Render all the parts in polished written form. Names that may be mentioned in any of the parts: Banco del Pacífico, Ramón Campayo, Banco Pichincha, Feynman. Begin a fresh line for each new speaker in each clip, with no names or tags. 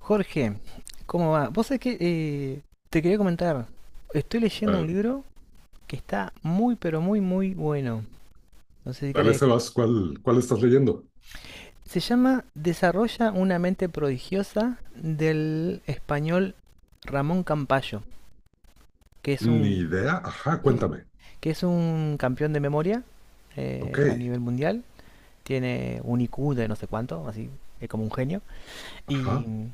Jorge, ¿cómo va? Vos sabés que te quería comentar, estoy leyendo
Ah,
un libro que está muy, pero muy, muy bueno. No sé si
dale,
crees que...
Sebas, ¿cuál estás leyendo?
Se llama Desarrolla una mente prodigiosa del español Ramón Campayo, que es
Ni
un,
idea. Ajá, cuéntame.
que es un campeón de memoria
Ok.
a nivel mundial. Tiene un IQ de no sé cuánto, así es como un genio. Y
Ajá.
mm,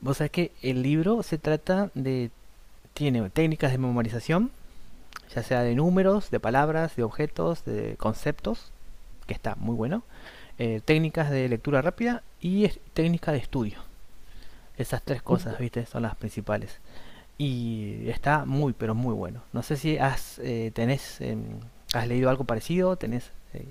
vos sabés que el libro se trata de... Tiene técnicas de memorización ya sea de números, de palabras, de objetos, de conceptos, que está muy bueno, técnicas de lectura rápida y técnicas de estudio. Esas tres cosas,
Súper.
viste, son las principales. Y está muy, pero muy bueno. No sé si has, tenés, ¿Has leído algo parecido, tenés...?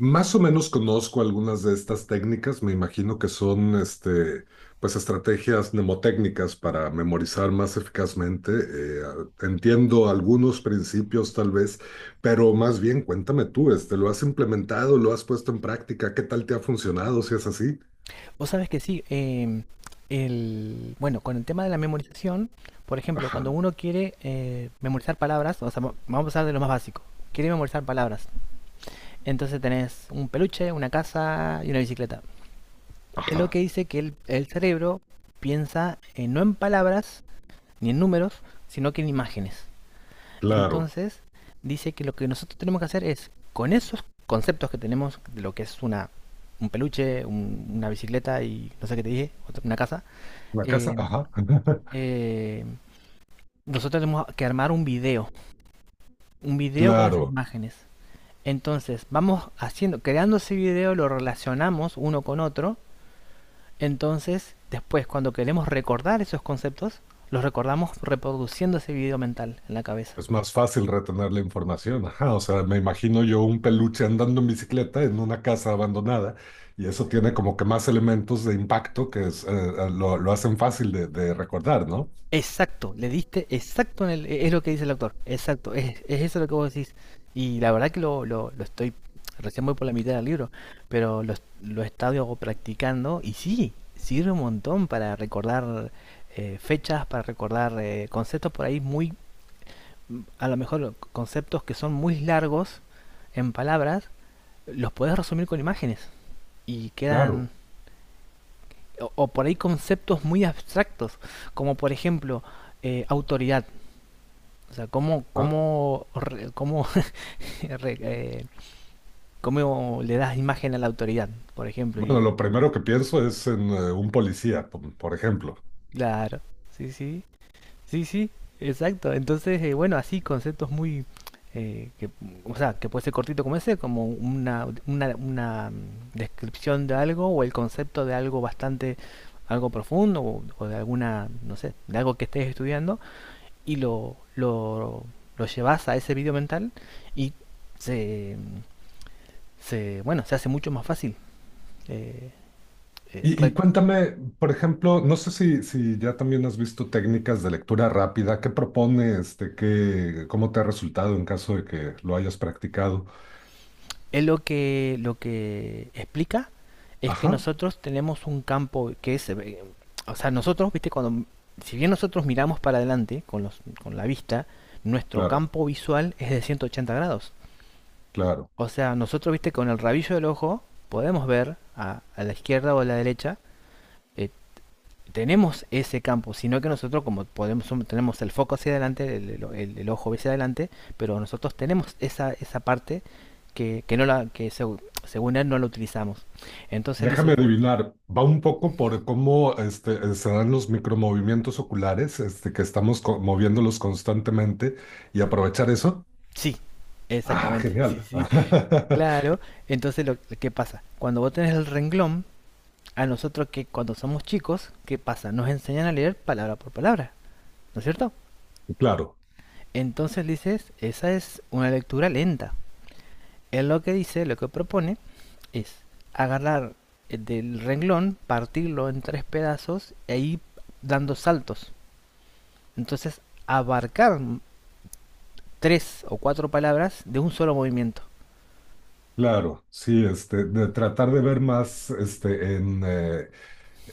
Más o menos conozco algunas de estas técnicas. Me imagino que son, pues, estrategias mnemotécnicas para memorizar más eficazmente. Entiendo algunos principios, tal vez, pero más bien cuéntame tú, ¿lo has implementado? ¿Lo has puesto en práctica? ¿Qué tal te ha funcionado si es así?
Vos sabés que sí, bueno, con el tema de la memorización, por ejemplo, cuando
Ajá,
uno quiere memorizar palabras, o sea, vamos a hablar de lo más básico, quiere memorizar palabras. Entonces tenés un peluche, una casa y una bicicleta. Es lo que
ajá,
dice que el cerebro piensa no en palabras ni en números, sino que en imágenes.
claro.
Entonces dice que lo que nosotros tenemos que hacer es, con esos conceptos que tenemos de lo que es un peluche, una bicicleta y no sé qué te dije, una casa,
La casa,
eh,
ajá.
eh, nosotros tenemos que armar un video con esas
Claro.
imágenes. Entonces vamos haciendo, creando ese video, lo relacionamos uno con otro. Entonces, después, cuando queremos recordar esos conceptos, los recordamos reproduciendo ese video mental en la cabeza.
Es más fácil retener la información. Ajá, o sea, me imagino yo un peluche andando en bicicleta en una casa abandonada y eso tiene como que más elementos de impacto que es, lo hacen fácil de recordar, ¿no?
Exacto, le diste exacto en es lo que dice el autor, exacto, es eso lo que vos decís. Y la verdad que lo estoy, recién voy por la mitad del libro, pero lo he estado practicando y sí, sirve un montón para recordar fechas, para recordar conceptos por ahí muy, a lo mejor conceptos que son muy largos en palabras, los podés resumir con imágenes y
Claro.
quedan, o por ahí conceptos muy abstractos, como por ejemplo autoridad. O sea,
Ah,
cómo, eh, cómo le das imagen a la autoridad, por ejemplo?
bueno,
Y
lo primero que pienso es en un policía, por ejemplo.
claro, sí, sí, sí, sí, exacto. Entonces, bueno, así conceptos muy... eh, que, o sea, que puede ser cortito como ese, como una descripción de algo o el concepto de algo bastante, algo profundo o de alguna, no sé, de algo que estés estudiando y lo llevas a ese video mental y se, se, bueno, se hace mucho más fácil. Eh, eh,
Y cuéntame, por ejemplo, no sé si, si ya también has visto técnicas de lectura rápida. ¿Qué propone este, qué, cómo te ha resultado en caso de que lo hayas practicado?
es lo que explica es que
Ajá,
nosotros tenemos un campo que es, o sea, nosotros, viste, cuando, si bien nosotros miramos para adelante con la vista, nuestro
claro,
campo visual es de 180 grados.
claro.
O sea, nosotros, viste, con el rabillo del ojo podemos ver a la izquierda o a la derecha eh, tenemos ese campo, sino que nosotros como podemos tenemos el foco hacia adelante, el ojo hacia adelante, pero nosotros tenemos esa parte que no la que seg- según él no la utilizamos. Entonces él
Déjame
dice,
adivinar, va un poco por cómo este, se dan los micromovimientos oculares, este, que estamos moviéndolos constantemente y aprovechar eso.
sí,
Ah,
exactamente, sí,
genial.
sí, claro. Entonces lo que pasa, cuando vos tenés el renglón, a nosotros que cuando somos chicos, ¿qué pasa? Nos enseñan a leer palabra por palabra, ¿no es cierto?
Claro,
Entonces dices, esa es una lectura lenta. Él lo que propone, es agarrar del renglón, partirlo en tres pedazos y ahí dando saltos. Entonces, abarcar tres o cuatro palabras de un solo movimiento.
claro, sí, este, de tratar de ver más este, en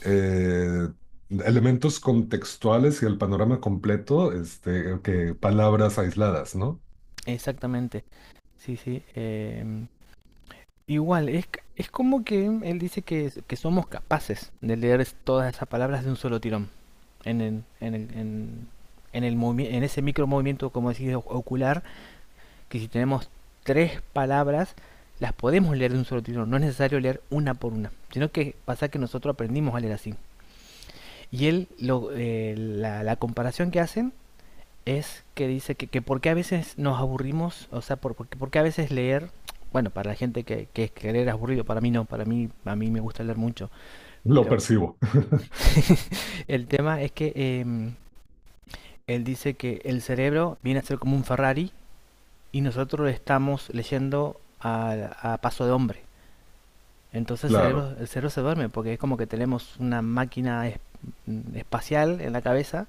eh, elementos contextuales y el panorama completo, este, que palabras aisladas, ¿no?
Exactamente. Sí, sí. Igual, es como que él dice que somos capaces de leer todas esas palabras de un solo tirón. En el, en el, en, en el en ese micro movimiento, como decís, ocular, que si tenemos tres palabras, las podemos leer de un solo tirón. No es necesario leer una por una, sino que pasa que nosotros aprendimos a leer así. Y él, la comparación que hacen es que dice que por qué a veces nos aburrimos, o sea, por qué a veces leer bueno, para la gente que leer es aburrido, para mí no, para mí, a mí me gusta leer mucho.
Lo
Pero
percibo.
el tema es que él dice que el cerebro viene a ser como un Ferrari y nosotros estamos leyendo a paso de hombre. Entonces
Claro,
el cerebro se duerme porque es como que tenemos una máquina espacial en la cabeza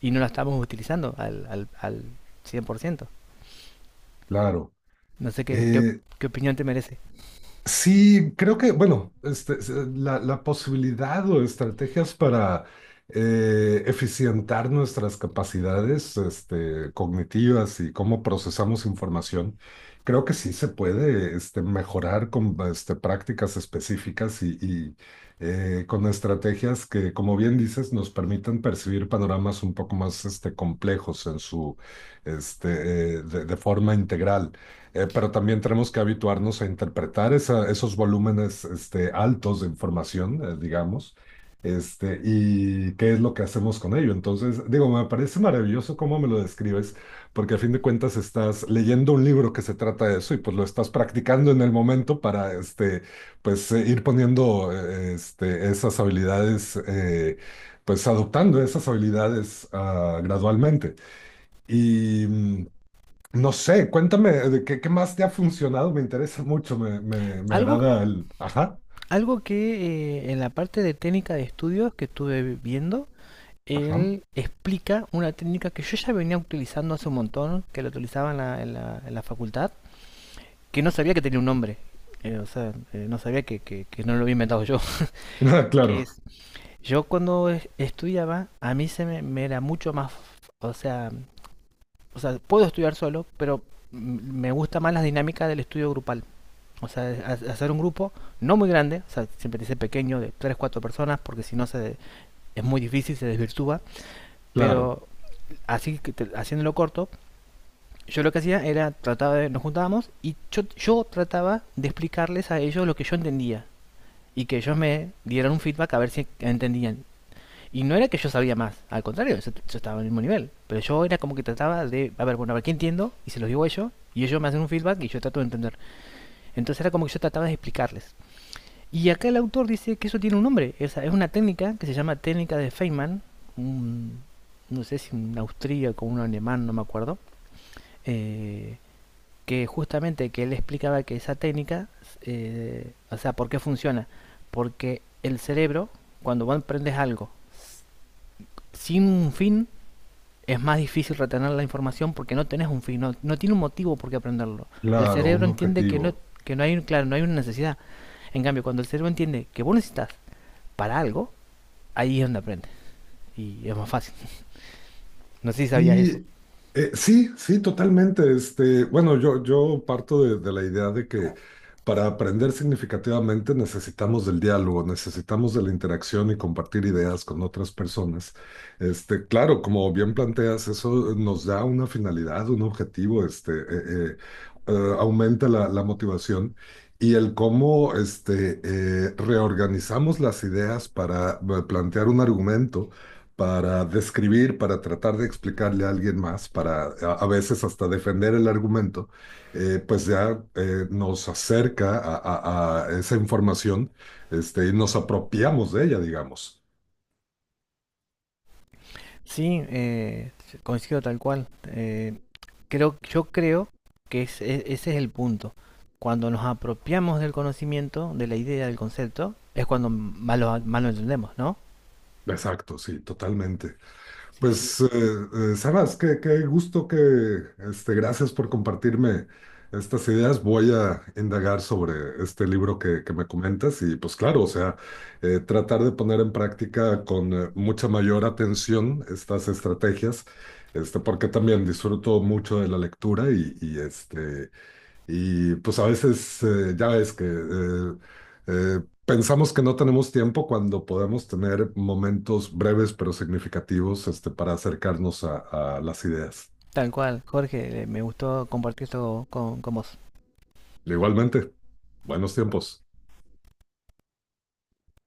y no la estamos utilizando al cien por ciento.
claro.
No sé
Eh,
qué opinión te merece.
Sí, creo que, bueno, es, la, la posibilidad o estrategias para eficientar nuestras capacidades este, cognitivas y cómo procesamos información, creo que sí se puede este, mejorar con este, prácticas específicas y, con estrategias que, como bien dices, nos permitan percibir panoramas un poco más este, complejos en su, de forma integral. Pero también tenemos que habituarnos a interpretar esos volúmenes este, altos de información, digamos, este, y qué es lo que hacemos con ello. Entonces, digo, me parece maravilloso cómo me lo describes, porque a fin de cuentas estás leyendo un libro que se trata de eso y pues lo estás practicando en el momento para este, pues, ir poniendo esas habilidades, pues adoptando esas habilidades ah, gradualmente. Y mm, no sé, cuéntame de qué, qué más te ha funcionado, me interesa mucho, me
Algo,
agrada el... Ajá,
Algo que en la parte de técnica de estudios que estuve viendo,
ajá.
él explica una técnica que yo ya venía utilizando hace un montón, que la utilizaba en la facultad, que no sabía que tenía un nombre. No sabía que no lo había inventado yo. Que
Claro,
es... Yo cuando estudiaba, a mí me era mucho más, o sea, o sea, puedo estudiar solo, pero me gusta más la dinámica del estudio grupal. O sea, hacer un grupo no muy grande, o sea, siempre dice pequeño, de 3 4 personas, porque si no se, es muy difícil, se desvirtúa,
claro,
pero así haciéndolo corto, yo lo que hacía era trataba de nos juntábamos y yo, trataba de explicarles a ellos lo que yo entendía y que ellos me dieran un feedback a ver si entendían. Y no era que yo sabía más, al contrario, yo, estaba en el mismo nivel. Pero yo era como que trataba de, a ver, bueno, a ver qué entiendo, y se los digo a ellos, y ellos me hacen un feedback y yo trato de entender. Entonces era como que yo trataba de explicarles. Y acá el autor dice que eso tiene un nombre, es una técnica que se llama técnica de Feynman, un, no sé si un austríaco o un alemán, no me acuerdo, eh, que justamente que él explicaba que esa técnica, o sea, ¿por qué funciona? Porque el cerebro, cuando vos aprendes algo sin un fin, es más difícil retener la información porque no tenés un fin, no tiene un motivo por qué aprenderlo. El
claro,
cerebro
un
entiende
objetivo.
que no hay un, claro, no hay una necesidad. En cambio, cuando el cerebro entiende que vos necesitas para algo, ahí es donde aprendes. Y es más fácil. No sé si sabías eso.
Sí, sí, sí, totalmente. Este, bueno, yo parto de la idea de que para aprender significativamente necesitamos del diálogo, necesitamos de la interacción y compartir ideas con otras personas. Este, claro, como bien planteas, eso nos da una finalidad, un objetivo, eh, aumenta la, la motivación. Y el cómo este, reorganizamos las ideas para plantear un argumento para describir, para tratar de explicarle a alguien más, para a veces hasta defender el argumento, pues ya nos acerca a, a esa información, este, y nos apropiamos de ella, digamos.
Sí, coincido tal cual. Yo creo que ese es el punto. Cuando nos apropiamos del conocimiento, de la idea, del concepto, es cuando más lo entendemos, ¿no?
Exacto, sí, totalmente.
Sí, sí.
Pues, Sebas, qué, qué gusto que, este, gracias por compartirme estas ideas. Voy a indagar sobre este libro que me comentas y pues claro, o sea, tratar de poner en práctica con mucha mayor atención estas estrategias, este, porque también disfruto mucho de la lectura y, este, y pues a veces ya ves que pensamos que no tenemos tiempo cuando podemos tener momentos breves pero significativos este, para acercarnos a las ideas.
Tal cual, Jorge, me gustó compartir esto con vos.
Igualmente, buenos tiempos.